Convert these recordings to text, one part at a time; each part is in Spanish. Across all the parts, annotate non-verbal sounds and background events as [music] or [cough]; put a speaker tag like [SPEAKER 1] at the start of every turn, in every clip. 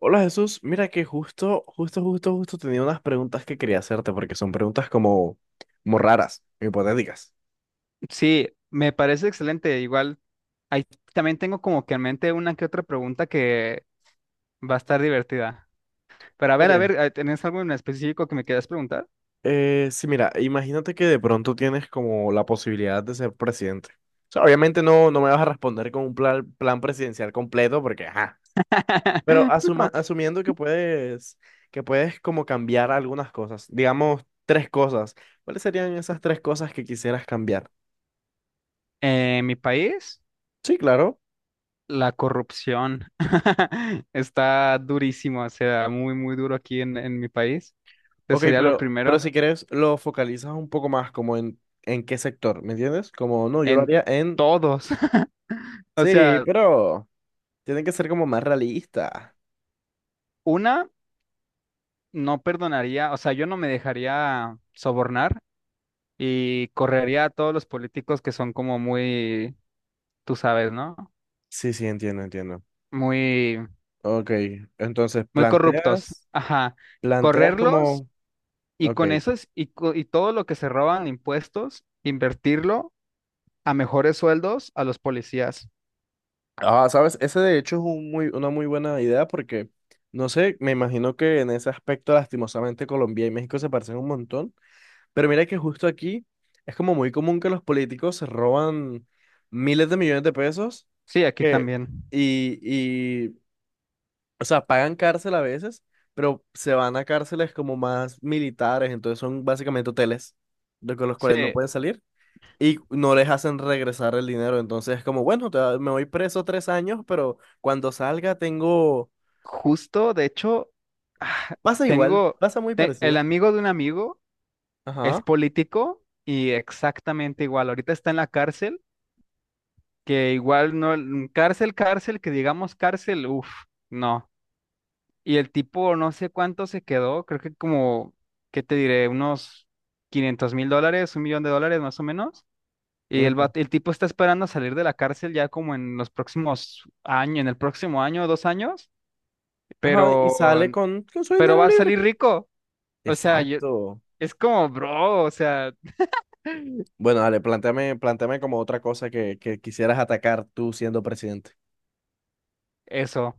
[SPEAKER 1] Hola Jesús, mira que justo tenía unas preguntas que quería hacerte porque son preguntas como raras, hipotéticas.
[SPEAKER 2] Sí, me parece excelente. Igual, ahí también tengo como que en mente una que otra pregunta que va a estar divertida. Pero
[SPEAKER 1] Ok.
[SPEAKER 2] a ver, ¿tenés algo en específico que me quieras preguntar?
[SPEAKER 1] Sí, mira, imagínate que de pronto tienes como la posibilidad de ser presidente. O sea, obviamente no me vas a responder con un plan presidencial completo porque, ajá, pero
[SPEAKER 2] [laughs] No.
[SPEAKER 1] asumiendo que puedes, como cambiar algunas cosas, digamos tres cosas, ¿cuáles serían esas tres cosas que quisieras cambiar?
[SPEAKER 2] En mi país,
[SPEAKER 1] Sí, claro.
[SPEAKER 2] la corrupción [laughs] está durísimo, o sea, muy duro aquí en mi país. Este
[SPEAKER 1] Ok,
[SPEAKER 2] sería lo
[SPEAKER 1] pero
[SPEAKER 2] primero
[SPEAKER 1] si quieres lo focalizas un poco más como en qué sector, ¿me entiendes? Como no, yo lo
[SPEAKER 2] en
[SPEAKER 1] haría en.
[SPEAKER 2] todos. [laughs] O
[SPEAKER 1] Sí,
[SPEAKER 2] sea,
[SPEAKER 1] pero tienen que ser como más realista.
[SPEAKER 2] una, no perdonaría, o sea, yo no me dejaría sobornar. Y correría a todos los políticos que son como muy, tú sabes, ¿no?
[SPEAKER 1] Sí, sí, entiendo, entiendo.
[SPEAKER 2] Muy,
[SPEAKER 1] Ok, entonces
[SPEAKER 2] muy corruptos.
[SPEAKER 1] planteas,
[SPEAKER 2] Ajá.
[SPEAKER 1] planteas
[SPEAKER 2] Correrlos
[SPEAKER 1] como.
[SPEAKER 2] y
[SPEAKER 1] Ok.
[SPEAKER 2] con eso y todo lo que se roban impuestos, invertirlo a mejores sueldos a los policías.
[SPEAKER 1] Ah, sabes, ese de hecho es una muy buena idea porque, no sé, me imagino que en ese aspecto lastimosamente Colombia y México se parecen un montón. Pero mira que justo aquí es como muy común que los políticos se roban miles de millones de pesos
[SPEAKER 2] Sí, aquí
[SPEAKER 1] que,
[SPEAKER 2] también.
[SPEAKER 1] y, y, o sea, pagan cárcel a veces, pero se van a cárceles como más militares, entonces son básicamente hoteles de con los
[SPEAKER 2] Sí,
[SPEAKER 1] cuales no pueden salir y no les hacen regresar el dinero. Entonces es como, bueno, me voy preso 3 años, pero cuando salga tengo.
[SPEAKER 2] justo, de hecho, ah,
[SPEAKER 1] Pasa igual,
[SPEAKER 2] tengo
[SPEAKER 1] pasa muy
[SPEAKER 2] el
[SPEAKER 1] parecido.
[SPEAKER 2] amigo de un amigo es
[SPEAKER 1] Ajá.
[SPEAKER 2] político y exactamente igual. Ahorita está en la cárcel que igual no, cárcel, cárcel, que digamos cárcel, uff, no. Y el tipo no sé cuánto se quedó, creo que como, ¿qué te diré? Unos $500,000, $1,000,000 más o menos. Y
[SPEAKER 1] Ujú.
[SPEAKER 2] el tipo está esperando salir de la cárcel ya como en los próximos años, en el próximo año, 2 años,
[SPEAKER 1] Ajá, y
[SPEAKER 2] pero,
[SPEAKER 1] sale con su
[SPEAKER 2] pero
[SPEAKER 1] dinero
[SPEAKER 2] va a
[SPEAKER 1] libre.
[SPEAKER 2] salir rico. O sea, yo,
[SPEAKER 1] Exacto.
[SPEAKER 2] es como, bro, o sea, [laughs]
[SPEAKER 1] Bueno, dale, planteame como otra cosa que quisieras atacar tú siendo presidente.
[SPEAKER 2] eso.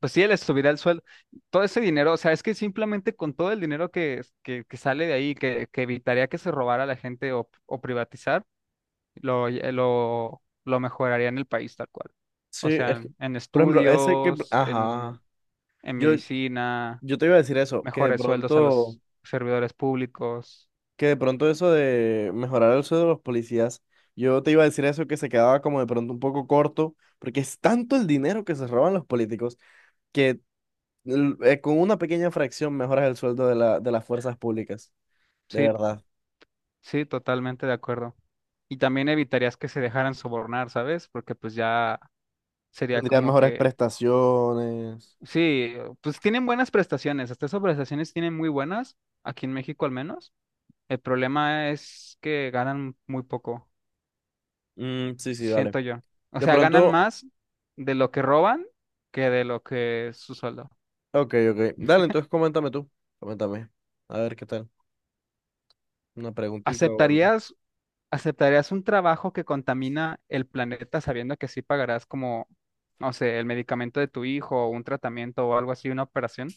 [SPEAKER 2] Pues sí, les subirá el sueldo. Todo ese dinero, o sea, es que simplemente con todo el dinero que sale de ahí, que evitaría que se robara la gente o privatizar, lo mejoraría en el país tal cual.
[SPEAKER 1] Sí,
[SPEAKER 2] O sea,
[SPEAKER 1] es que,
[SPEAKER 2] en
[SPEAKER 1] por ejemplo, ese que,
[SPEAKER 2] estudios,
[SPEAKER 1] ajá,
[SPEAKER 2] en
[SPEAKER 1] yo,
[SPEAKER 2] medicina,
[SPEAKER 1] yo te iba a decir eso,
[SPEAKER 2] mejores sueldos a los servidores públicos.
[SPEAKER 1] que de pronto eso de mejorar el sueldo de los policías, yo te iba a decir eso que se quedaba como de pronto un poco corto, porque es tanto el dinero que se roban los políticos que con una pequeña fracción mejoras el sueldo de las fuerzas públicas, de
[SPEAKER 2] Sí,
[SPEAKER 1] verdad.
[SPEAKER 2] sí, totalmente de acuerdo. Y también evitarías que se dejaran sobornar, ¿sabes? Porque pues ya sería
[SPEAKER 1] Tendrían
[SPEAKER 2] como
[SPEAKER 1] mejores
[SPEAKER 2] que
[SPEAKER 1] prestaciones.
[SPEAKER 2] sí, pues tienen buenas prestaciones, hasta esas prestaciones tienen muy buenas, aquí en México al menos. El problema es que ganan muy poco,
[SPEAKER 1] Mm, sí, sí, dale.
[SPEAKER 2] siento yo. O
[SPEAKER 1] De
[SPEAKER 2] sea, ganan
[SPEAKER 1] pronto.
[SPEAKER 2] más de lo que roban que de lo que es su sueldo.
[SPEAKER 1] Ok, ok. Dale, entonces coméntame tú. Coméntame. A ver qué tal. Una preguntita o algo.
[SPEAKER 2] ¿Aceptarías, aceptarías un trabajo que contamina el planeta sabiendo que sí pagarás como, no sé, el medicamento de tu hijo o un tratamiento o algo así, una operación?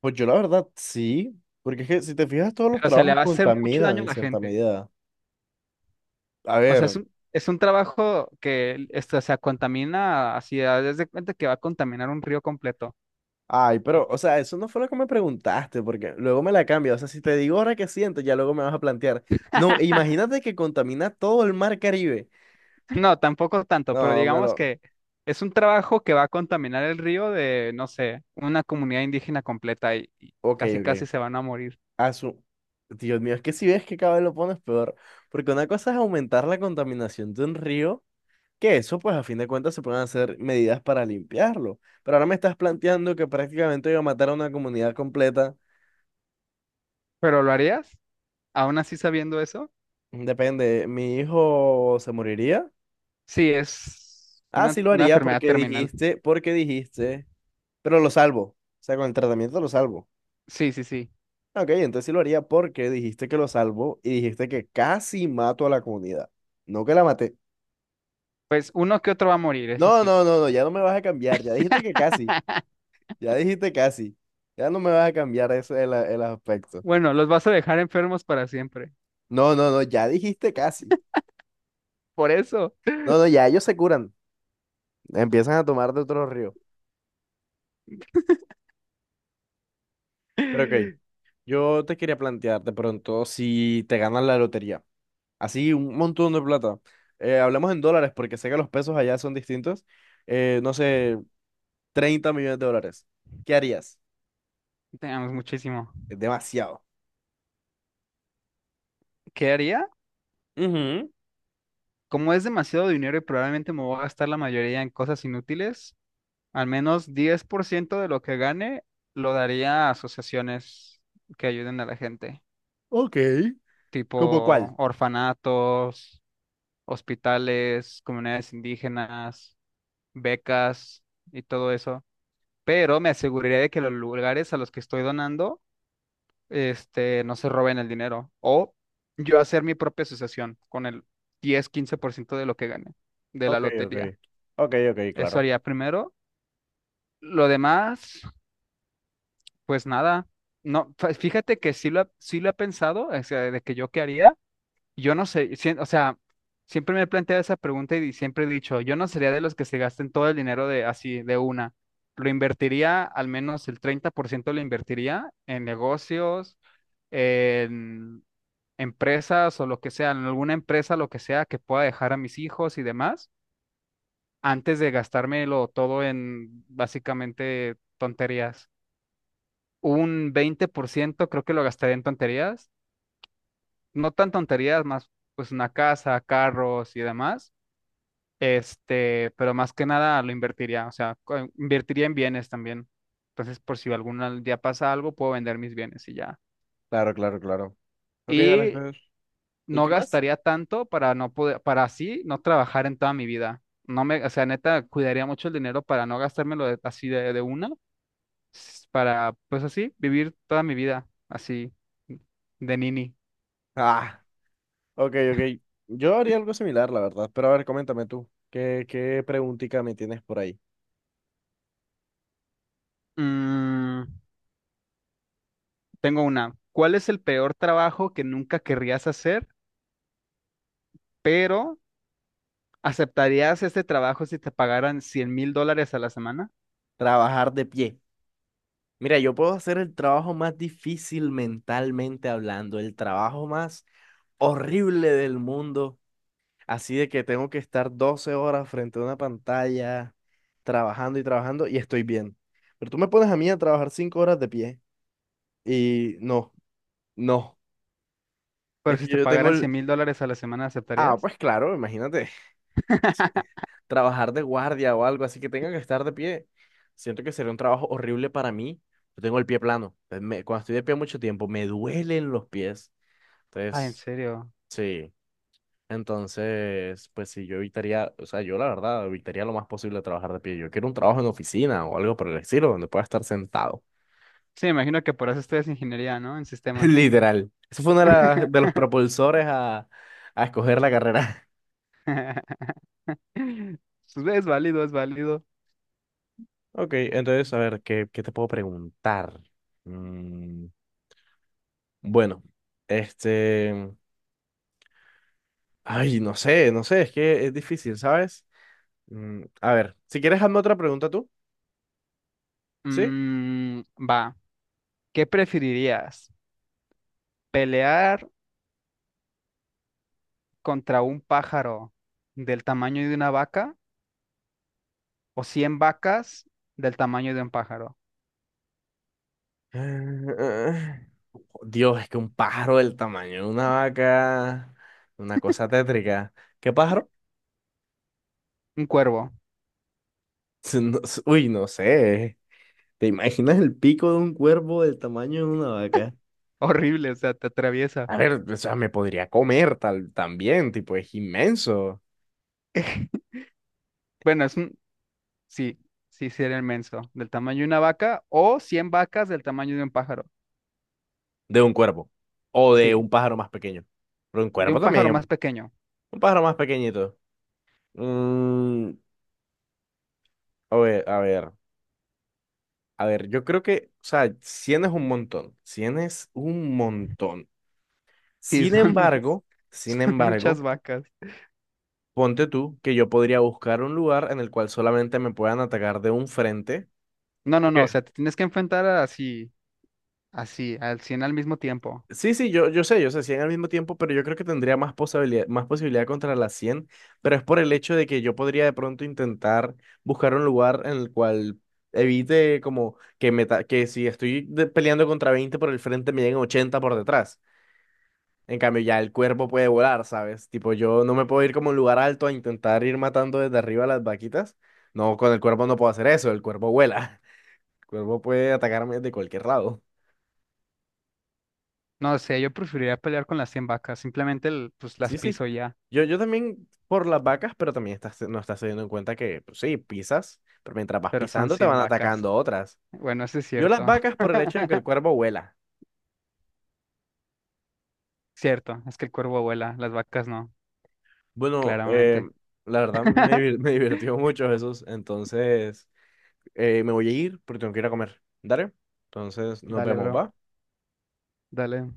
[SPEAKER 1] Pues yo la verdad sí, porque es que si te fijas todos los
[SPEAKER 2] Pero se le
[SPEAKER 1] trabajos
[SPEAKER 2] va a hacer mucho
[SPEAKER 1] contaminan
[SPEAKER 2] daño a
[SPEAKER 1] en
[SPEAKER 2] la
[SPEAKER 1] cierta
[SPEAKER 2] gente.
[SPEAKER 1] medida. A
[SPEAKER 2] O sea,
[SPEAKER 1] ver,
[SPEAKER 2] es un trabajo que, esto, o sea, contamina, así, desde de cuenta que va a contaminar un río completo.
[SPEAKER 1] ay,
[SPEAKER 2] Y-
[SPEAKER 1] pero, o
[SPEAKER 2] [laughs]
[SPEAKER 1] sea, eso no fue lo que me preguntaste, porque luego me la cambia. O sea, si te digo ahora qué siento, ya luego me vas a plantear. No, imagínate que contamina todo el mar Caribe.
[SPEAKER 2] No, tampoco tanto, pero
[SPEAKER 1] No, me
[SPEAKER 2] digamos
[SPEAKER 1] lo.
[SPEAKER 2] que es un trabajo que va a contaminar el río de, no sé, una comunidad indígena completa y
[SPEAKER 1] Ok,
[SPEAKER 2] casi casi
[SPEAKER 1] ok.
[SPEAKER 2] se van a morir.
[SPEAKER 1] A su. Dios mío, es que si ves que cada vez lo pones peor, porque una cosa es aumentar la contaminación de un río. Que eso, pues a fin de cuentas, se pueden hacer medidas para limpiarlo. Pero ahora me estás planteando que prácticamente iba a matar a una comunidad completa.
[SPEAKER 2] ¿Pero lo harías? ¿Aún así sabiendo eso?
[SPEAKER 1] Depende, ¿mi hijo se moriría?
[SPEAKER 2] Sí, es
[SPEAKER 1] Ah, sí lo
[SPEAKER 2] una
[SPEAKER 1] haría
[SPEAKER 2] enfermedad
[SPEAKER 1] porque
[SPEAKER 2] terminal.
[SPEAKER 1] dijiste, porque dijiste, pero lo salvo. O sea, con el tratamiento lo salvo.
[SPEAKER 2] Sí, sí, sí.
[SPEAKER 1] Ok, entonces sí lo haría porque dijiste que lo salvo y dijiste que casi mato a la comunidad. No que la maté.
[SPEAKER 2] Pues uno que otro va a morir, eso
[SPEAKER 1] No,
[SPEAKER 2] sí.
[SPEAKER 1] no, no, no, ya no me vas a cambiar. Ya dijiste que casi. Ya dijiste casi. Ya no me vas a cambiar eso, el aspecto.
[SPEAKER 2] Bueno, los vas a dejar enfermos para siempre.
[SPEAKER 1] No, no, no, ya dijiste casi.
[SPEAKER 2] Por eso.
[SPEAKER 1] No, no, ya ellos se curan. Empiezan a tomar de otro río.
[SPEAKER 2] [laughs]
[SPEAKER 1] Pero ok,
[SPEAKER 2] Te
[SPEAKER 1] yo te quería plantear de pronto si te ganas la lotería. Así, un montón de plata. Hablemos en dólares porque sé que los pesos allá son distintos. No sé, $30 millones. ¿Qué harías?
[SPEAKER 2] amamos muchísimo.
[SPEAKER 1] Es demasiado.
[SPEAKER 2] ¿Qué haría?
[SPEAKER 1] Ujú.
[SPEAKER 2] Como es demasiado dinero y probablemente me voy a gastar la mayoría en cosas inútiles, al menos 10% de lo que gane lo daría a asociaciones que ayuden a la gente,
[SPEAKER 1] Ok. ¿Cómo cuál?
[SPEAKER 2] tipo orfanatos, hospitales, comunidades indígenas, becas y todo eso. Pero me aseguraría de que los lugares a los que estoy donando, no se roben el dinero. O yo hacer mi propia asociación con el 10-15% de lo que gane de la
[SPEAKER 1] Ok, ok.
[SPEAKER 2] lotería.
[SPEAKER 1] Ok, ok,
[SPEAKER 2] Eso
[SPEAKER 1] claro.
[SPEAKER 2] haría primero. Lo demás, pues nada. No, fíjate que sí lo he pensado, o sea, de que yo qué haría. Yo no sé, o sea, siempre me he planteado esa pregunta y siempre he dicho, yo no sería de los que se gasten todo el dinero de así, de una. Lo invertiría, al menos el 30% lo invertiría en negocios, en empresas o lo que sea, en alguna empresa, lo que sea que pueda dejar a mis hijos y demás. Antes de gastármelo todo en básicamente tonterías. Un 20% creo que lo gastaría en tonterías, no tan tonterías, más pues una casa, carros y demás. Pero más que nada lo invertiría, o sea, invertiría en bienes también. Entonces, por si algún día pasa algo, puedo vender mis bienes y ya.
[SPEAKER 1] Claro, claro, claro. Ok, dale
[SPEAKER 2] Y
[SPEAKER 1] entonces. ¿Y
[SPEAKER 2] no
[SPEAKER 1] qué más?
[SPEAKER 2] gastaría tanto para no poder, para así no trabajar en toda mi vida. No me, o sea, neta, cuidaría mucho el dinero para no gastármelo así de una para, pues así, vivir toda mi vida así de nini.
[SPEAKER 1] Ah. Ok, ok. Yo haría algo similar, la verdad. Pero a ver, coméntame tú. ¿Qué preguntica me tienes por ahí?
[SPEAKER 2] Mm, tengo una. ¿Cuál es el peor trabajo que nunca querrías hacer, pero aceptarías este trabajo si te pagaran $100,000 a la semana?
[SPEAKER 1] Trabajar de pie. Mira, yo puedo hacer el trabajo más difícil mentalmente hablando, el trabajo más horrible del mundo. Así de que tengo que estar 12 horas frente a una pantalla, trabajando y trabajando, y estoy bien. Pero tú me pones a mí a trabajar 5 horas de pie, y no, no.
[SPEAKER 2] Pero
[SPEAKER 1] Es
[SPEAKER 2] si
[SPEAKER 1] que
[SPEAKER 2] te
[SPEAKER 1] yo tengo
[SPEAKER 2] pagaran cien
[SPEAKER 1] el.
[SPEAKER 2] mil dólares a la semana,
[SPEAKER 1] Ah,
[SPEAKER 2] ¿aceptarías?
[SPEAKER 1] pues claro, imagínate. Sí.
[SPEAKER 2] [laughs]
[SPEAKER 1] Trabajar de guardia o algo así que tenga que estar de pie. Siento que sería un trabajo horrible para mí. Yo tengo el pie plano. Entonces, cuando estoy de pie mucho tiempo, me duelen los pies.
[SPEAKER 2] Ah, ¿en
[SPEAKER 1] Entonces,
[SPEAKER 2] serio?
[SPEAKER 1] sí. Entonces, pues sí, yo evitaría, o sea, yo la verdad evitaría lo más posible trabajar de pie. Yo quiero un trabajo en oficina o algo por el estilo, donde pueda estar sentado.
[SPEAKER 2] Sí, me imagino que por eso estudias ingeniería, ¿no? En
[SPEAKER 1] [laughs]
[SPEAKER 2] sistemas.
[SPEAKER 1] Literal. Eso fue uno de, de los
[SPEAKER 2] [laughs]
[SPEAKER 1] propulsores a escoger la carrera. [laughs]
[SPEAKER 2] Pues, es válido, es válido.
[SPEAKER 1] Ok, entonces, a ver, ¿qué te puedo preguntar? Bueno, este, ay, no sé, no sé, es que es difícil, ¿sabes? Mm, a ver, si quieres, hazme otra pregunta tú, ¿sí?
[SPEAKER 2] Mm, va, ¿qué preferirías? ¿Pelear contra un pájaro del tamaño de una vaca o 100 vacas del tamaño de un pájaro?
[SPEAKER 1] Eh, Dios, es que un pájaro del tamaño de una vaca, una cosa tétrica. ¿Qué pájaro?
[SPEAKER 2] Un cuervo. [laughs]
[SPEAKER 1] [laughs] Uy, no sé. ¿Te imaginas el pico de un cuervo del tamaño de una vaca?
[SPEAKER 2] Horrible, o sea, te atraviesa.
[SPEAKER 1] A ver, o sea, me podría comer tal, también, tipo, es inmenso
[SPEAKER 2] [laughs] Bueno, es un... Sí, sí, sí era inmenso. Del tamaño de una vaca o 100 vacas del tamaño de un pájaro.
[SPEAKER 1] de un cuervo o de
[SPEAKER 2] Sí,
[SPEAKER 1] un pájaro más pequeño. Pero un
[SPEAKER 2] de
[SPEAKER 1] cuervo
[SPEAKER 2] un pájaro más
[SPEAKER 1] también.
[SPEAKER 2] pequeño.
[SPEAKER 1] Un pájaro más pequeñito. Mm, a ver, a ver, a ver, yo creo que, o sea, 100 es un montón, 100 es un montón.
[SPEAKER 2] Sí,
[SPEAKER 1] Sin
[SPEAKER 2] son,
[SPEAKER 1] embargo,
[SPEAKER 2] [laughs]
[SPEAKER 1] sin
[SPEAKER 2] son
[SPEAKER 1] embargo,
[SPEAKER 2] muchas vacas.
[SPEAKER 1] ponte tú que yo podría buscar un lugar en el cual solamente me puedan atacar de un frente.
[SPEAKER 2] No, no, no, o sea, te tienes que enfrentar así, así, al 100 al mismo tiempo.
[SPEAKER 1] Sí, sí, yo sé 100 al mismo tiempo, pero yo creo que tendría más posibilidad contra las 100. Pero es por el hecho de que yo podría de pronto intentar buscar un lugar en el cual evite como que, que si estoy peleando contra 20 por el frente me lleguen 80 por detrás. En cambio, ya el cuerpo puede volar, ¿sabes? Tipo, yo no me puedo ir como a un lugar alto a intentar ir matando desde arriba a las vaquitas. No, con el cuerpo no puedo hacer eso, el cuerpo vuela. [laughs] El cuerpo puede atacarme de cualquier lado.
[SPEAKER 2] No sé, yo preferiría pelear con las 100 vacas. Simplemente pues las
[SPEAKER 1] Sí, sí.
[SPEAKER 2] piso ya,
[SPEAKER 1] Yo también por las vacas, pero también estás, no estás teniendo en cuenta que, pues sí, pisas, pero mientras vas
[SPEAKER 2] pero son
[SPEAKER 1] pisando te
[SPEAKER 2] 100
[SPEAKER 1] van
[SPEAKER 2] vacas.
[SPEAKER 1] atacando otras.
[SPEAKER 2] Bueno, eso es
[SPEAKER 1] Yo las
[SPEAKER 2] cierto.
[SPEAKER 1] vacas por el hecho de que el
[SPEAKER 2] [laughs]
[SPEAKER 1] cuervo vuela.
[SPEAKER 2] Cierto, es que el cuervo vuela, las vacas no,
[SPEAKER 1] Bueno,
[SPEAKER 2] claramente.
[SPEAKER 1] la verdad
[SPEAKER 2] [laughs]
[SPEAKER 1] [laughs] me divirtió mucho Jesús. Entonces, me voy a ir porque tengo que ir a comer. Dale. Entonces, nos
[SPEAKER 2] Dale,
[SPEAKER 1] vemos,
[SPEAKER 2] bro,
[SPEAKER 1] ¿va?
[SPEAKER 2] dale.